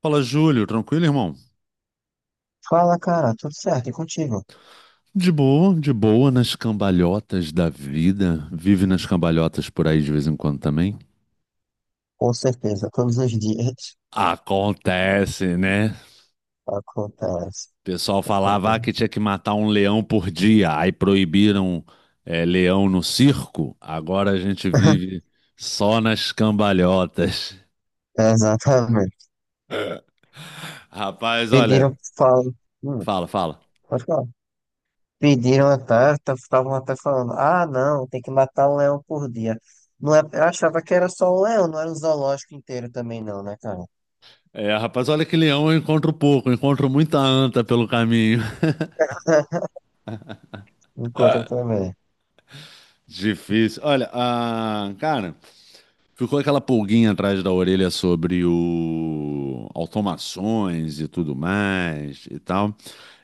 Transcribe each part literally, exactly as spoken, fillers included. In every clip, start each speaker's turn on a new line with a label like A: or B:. A: Fala, Júlio, tranquilo, irmão?
B: Fala, cara, tudo certo? E contigo?
A: De boa, de boa, nas cambalhotas da vida. Vive nas cambalhotas por aí de vez em quando também.
B: Com certeza, todos os dias
A: Acontece, né? O
B: acontece.
A: pessoal falava ah, que
B: Acontece.
A: tinha que matar um leão por dia, aí proibiram é, leão no circo. Agora a gente vive só nas cambalhotas.
B: Exatamente.
A: Rapaz, olha,
B: Pediram, falam, hum,
A: fala, fala.
B: pode falar. Pediram até, estavam até falando, ah, não, tem que matar um leão por dia. Não é, eu achava que era só o leão, não era o zoológico inteiro também não, né, cara?
A: É, rapaz, olha que leão eu encontro pouco, eu encontro muita anta pelo caminho.
B: Enquanto também.
A: Difícil. Olha, ah, cara. Ficou aquela pulguinha atrás da orelha sobre o automações e tudo mais e tal.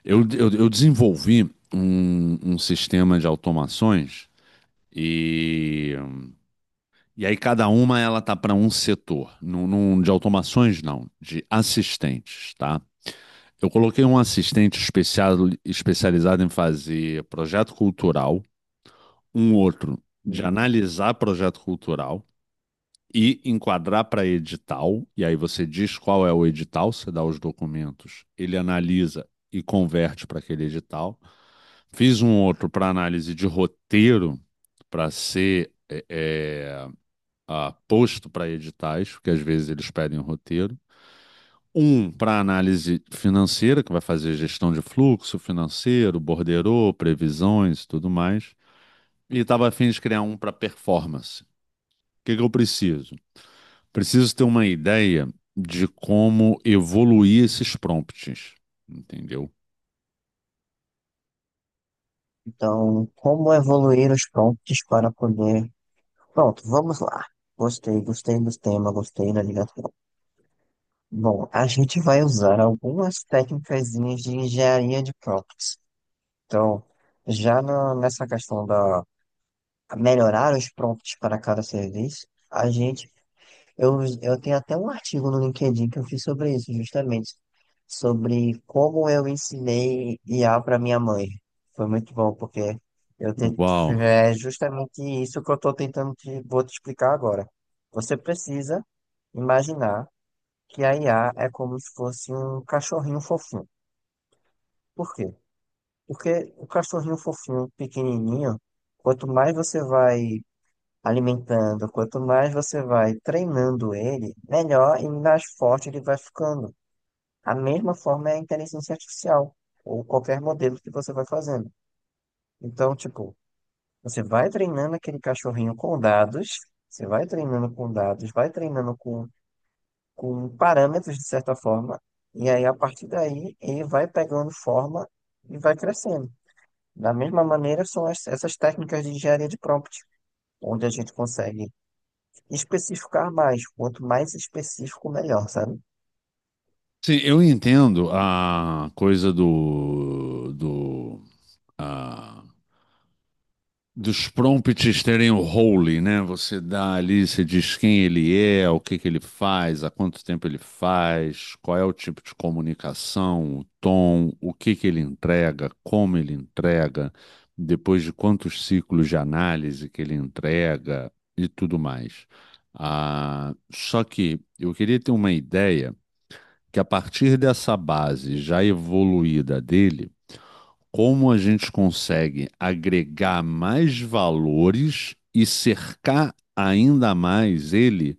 A: Eu, eu, eu desenvolvi um, um sistema de automações e, e aí cada uma ela tá para um setor. Não num- de automações não, de assistentes, tá? Eu coloquei um assistente especial, especializado em fazer projeto cultural, um outro de analisar projeto cultural e enquadrar para edital, e aí você diz qual é o edital, você dá os documentos, ele analisa e converte para aquele edital. Fiz um outro para análise de roteiro, para ser é, é, a, posto para editais, porque às vezes eles pedem o roteiro. Um para análise financeira, que vai fazer gestão de fluxo financeiro, borderô, previsões e tudo mais. E estava a fim de criar um para performance. O que, que eu preciso? Preciso ter uma ideia de como evoluir esses prompts, entendeu?
B: Então, como evoluir os prompts para poder... Pronto, vamos lá. Gostei, gostei do tema, gostei da ligação. Bom, a gente vai usar algumas técnicas de engenharia de prompts. Então, já na- nessa questão da melhorar os prompts para cada serviço, a gente, eu, eu tenho até um artigo no LinkedIn que eu fiz sobre isso, justamente, sobre como eu ensinei I A para minha mãe. Foi muito bom, porque eu te,
A: Uau.
B: é justamente isso que eu estou tentando te, vou te explicar agora. Você precisa imaginar que a I A é como se fosse um cachorrinho fofinho. Por quê? Porque o cachorrinho fofinho, pequenininho, quanto mais você vai alimentando, quanto mais você vai treinando ele, melhor e mais forte ele vai ficando. A mesma forma é a inteligência artificial, ou qualquer modelo que você vai fazendo. Então, tipo, você vai treinando aquele cachorrinho com dados, você vai treinando com dados, vai treinando com com parâmetros, de certa forma, e aí a partir daí ele vai pegando forma e vai crescendo. Da mesma maneira, são as- essas técnicas de engenharia de prompt, onde a gente consegue especificar mais, quanto mais específico, melhor, sabe?
A: Sim, eu entendo a coisa do, do, ah, dos prompts terem o role, né? Você dá ali, você diz quem ele é, o que que ele faz, há quanto tempo ele faz, qual é o tipo de comunicação, o tom, o que que ele entrega, como ele entrega, depois de quantos ciclos de análise que ele entrega e tudo mais. Ah, só que eu queria ter uma ideia que a partir dessa base já evoluída dele como a gente consegue agregar mais valores e cercar ainda mais ele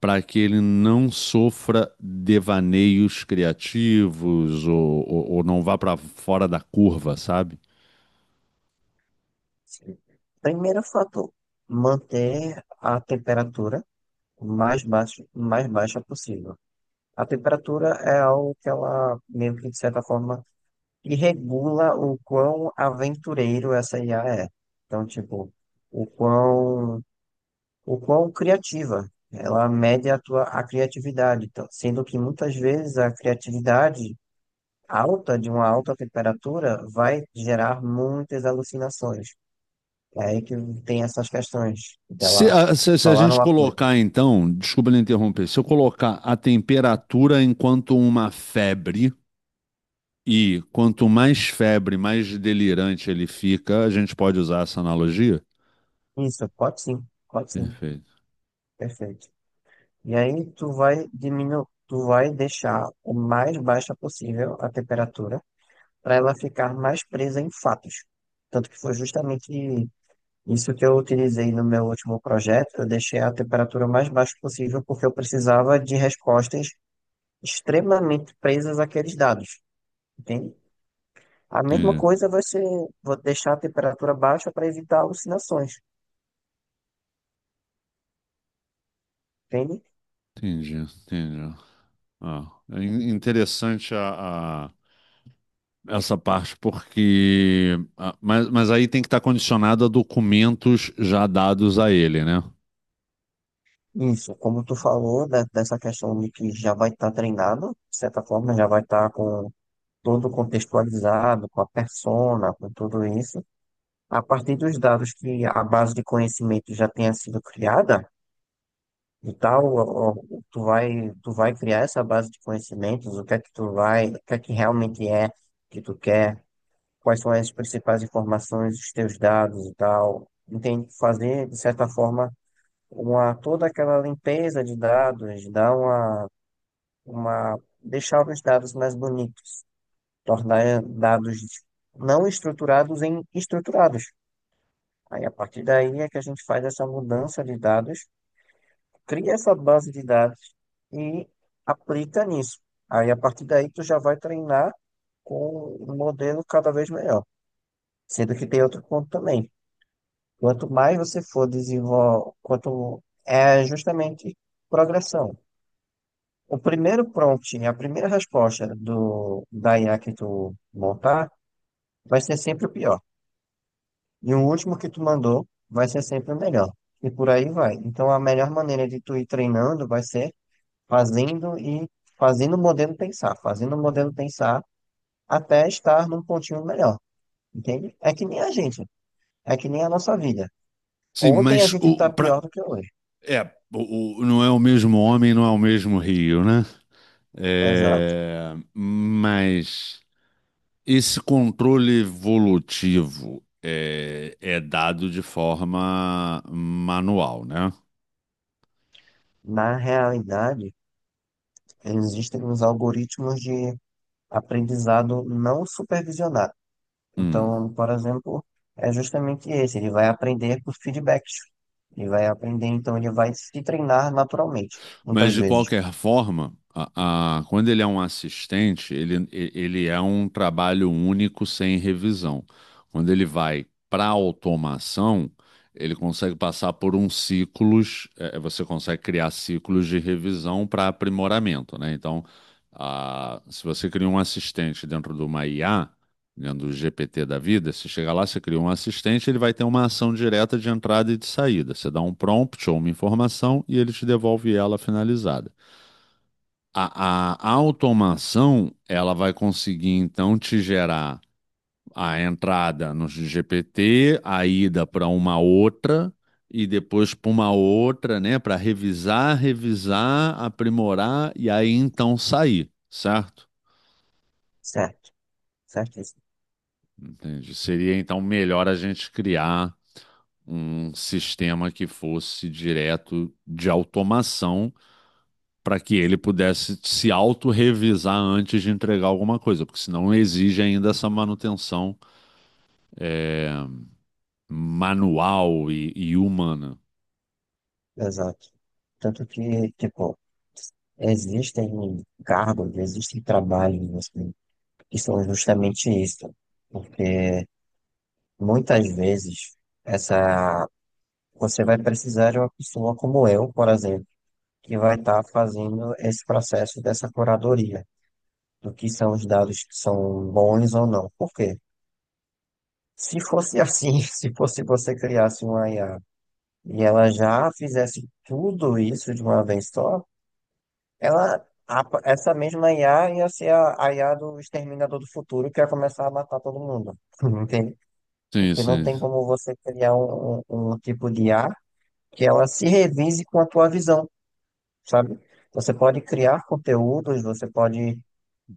A: para que ele não sofra devaneios criativos ou, ou- ou não vá para fora da curva, sabe?
B: Sim. Primeiro fator, manter a temperatura o mais baixa, o mais baixa possível. A temperatura é algo que ela, meio que de certa forma, e regula o quão aventureiro essa I A é. Então, tipo, o quão, o quão criativa. Ela mede a tua a criatividade. Então, sendo que muitas vezes a criatividade alta, de uma alta temperatura, vai gerar muitas alucinações. É aí que tem essas questões
A: Se
B: dela
A: a, se- se a
B: falar
A: gente
B: uma coisa.
A: colocar, então, desculpa lhe interromper, se eu colocar a temperatura enquanto uma febre, e quanto mais febre, mais delirante ele fica, a gente pode usar essa analogia?
B: Isso, pode sim, pode sim,
A: Perfeito.
B: perfeito. E aí tu vai diminuir, tu vai deixar o mais baixa possível a temperatura para ela ficar mais presa em fatos. Tanto que foi justamente isso que eu utilizei no meu último projeto. Eu deixei a temperatura mais baixa possível porque eu precisava de respostas extremamente presas àqueles dados, entende? A mesma
A: Entendi.
B: coisa vai ser, vou deixar a temperatura baixa para evitar alucinações, entende?
A: Entendi, entendi. Ah, é in- interessante a, a- essa parte, porque. ah, mas, mas aí tem que estar condicionado a documentos já dados a ele, né?
B: Isso, como tu falou, da- dessa questão de que já vai estar treinado, de certa forma já vai estar com todo contextualizado, com a persona, com tudo isso. A partir dos dados que a base de conhecimento já tenha sido criada e tal, ó, ó, tu vai, tu vai criar essa base de conhecimentos, o que é que tu vai, o que é que realmente é que tu quer, quais são as principais informações, os teus dados e tal. Entende? Fazer, de certa forma, uma, toda aquela limpeza de dados, dar uma, uma, deixar os dados mais bonitos, tornar dados não estruturados em estruturados. Aí, a partir daí é que a gente faz essa mudança de dados, cria essa base de dados e aplica nisso. Aí, a partir daí, tu já vai treinar com um modelo cada vez melhor. Sendo que tem outro ponto também. Quanto mais você for desenvolver, quanto é justamente progressão. O primeiro prompt, a primeira resposta do, da I A que tu montar, vai ser sempre o pior. E o último que tu mandou vai ser sempre o melhor. E por aí vai. Então a melhor maneira de tu ir treinando vai ser fazendo e fazendo o modelo pensar, fazendo o modelo pensar até estar num pontinho melhor. Entende? É que nem a gente, é que nem a nossa vida.
A: Sim,
B: Ontem a
A: mas
B: gente
A: o,
B: está
A: pra,
B: pior do que hoje.
A: é, o, o- não é o mesmo homem, não é o mesmo rio, né?
B: Exato.
A: É, mas. Esse controle evolutivo é, é dado de forma manual, né?
B: Na realidade, existem uns algoritmos de aprendizado não supervisionado.
A: Hum.
B: Então, por exemplo, é justamente esse, ele vai aprender por feedbacks. Ele vai aprender, então ele vai se treinar naturalmente,
A: Mas
B: muitas
A: de
B: vezes.
A: qualquer forma, a- a- quando ele é um assistente, ele, e- ele é um trabalho único sem revisão. Quando ele vai para automação, ele consegue passar por uns ciclos, é, você consegue criar ciclos de revisão para aprimoramento, né? Então, ah, se você cria um assistente dentro de uma I A dentro do G P T da vida, você chega lá, você cria um assistente, ele vai ter uma ação direta de entrada e de saída. Você dá um prompt ou uma informação e ele te devolve ela finalizada. A, a a automação, ela vai conseguir então te gerar a entrada no G P T, a ida para uma outra e depois para uma outra, né, para revisar, revisar, aprimorar e aí então sair, certo?
B: Certo, certo isso.
A: Entendi. Seria então melhor a gente criar um sistema que fosse direto de automação para que
B: Isso.
A: ele pudesse se autorrevisar antes de entregar alguma coisa, porque senão exige ainda essa manutenção é, manual e, e humana.
B: Exato. Tanto que, tipo, existem cargos, existem trabalhos, assim, que são justamente isso. Porque muitas vezes essa você vai precisar de uma pessoa como eu, por exemplo, que vai estar fazendo esse processo dessa curadoria do que são os dados que são bons ou não. Por quê? Se fosse assim, se fosse você criasse uma I A e ela já fizesse tudo isso de uma vez só, ela, a- essa mesma I A ia ser a, a I A do Exterminador do Futuro que ia começar a matar todo mundo. Entende?
A: Sim,
B: Porque não
A: sim.
B: tem como você criar um, um, um tipo de I A que ela se revise com a tua visão, sabe? Você pode criar conteúdos, você pode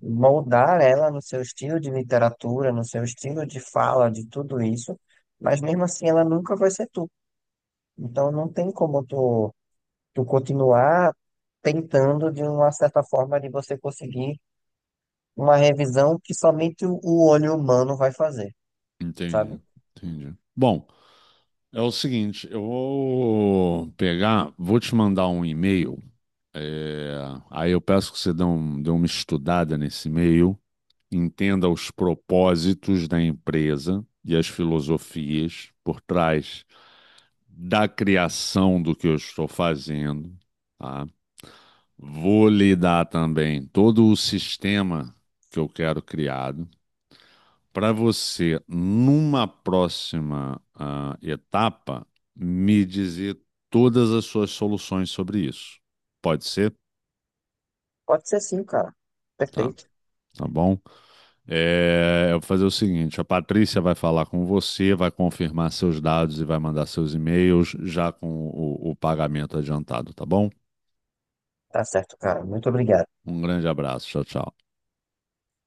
B: moldar ela no seu estilo de literatura, no seu estilo de fala, de tudo isso, mas mesmo assim ela nunca vai ser tu. Então não tem como tu, tu continuar tentando de uma certa forma de você conseguir uma revisão que somente o o olho humano vai fazer,
A: Entendi.
B: sabe?
A: Entendi. Bom, é o seguinte, eu vou pegar, vou te mandar um e-mail. É, aí eu peço que você dê, um- dê uma estudada nesse e-mail, entenda os propósitos da empresa e as filosofias por trás da criação do que eu estou fazendo, tá? Vou lhe dar também todo o sistema que eu quero criado para você, numa próxima ah, etapa, me dizer todas as suas soluções sobre isso. Pode ser?
B: Pode ser sim, cara.
A: Tá,
B: Perfeito.
A: tá bom? É, eu vou fazer o seguinte: a Patrícia vai falar com você, vai confirmar seus dados e vai mandar seus e-mails já com o, o pagamento adiantado, tá bom?
B: Tá certo, cara. Muito obrigado.
A: Um grande abraço, tchau, tchau.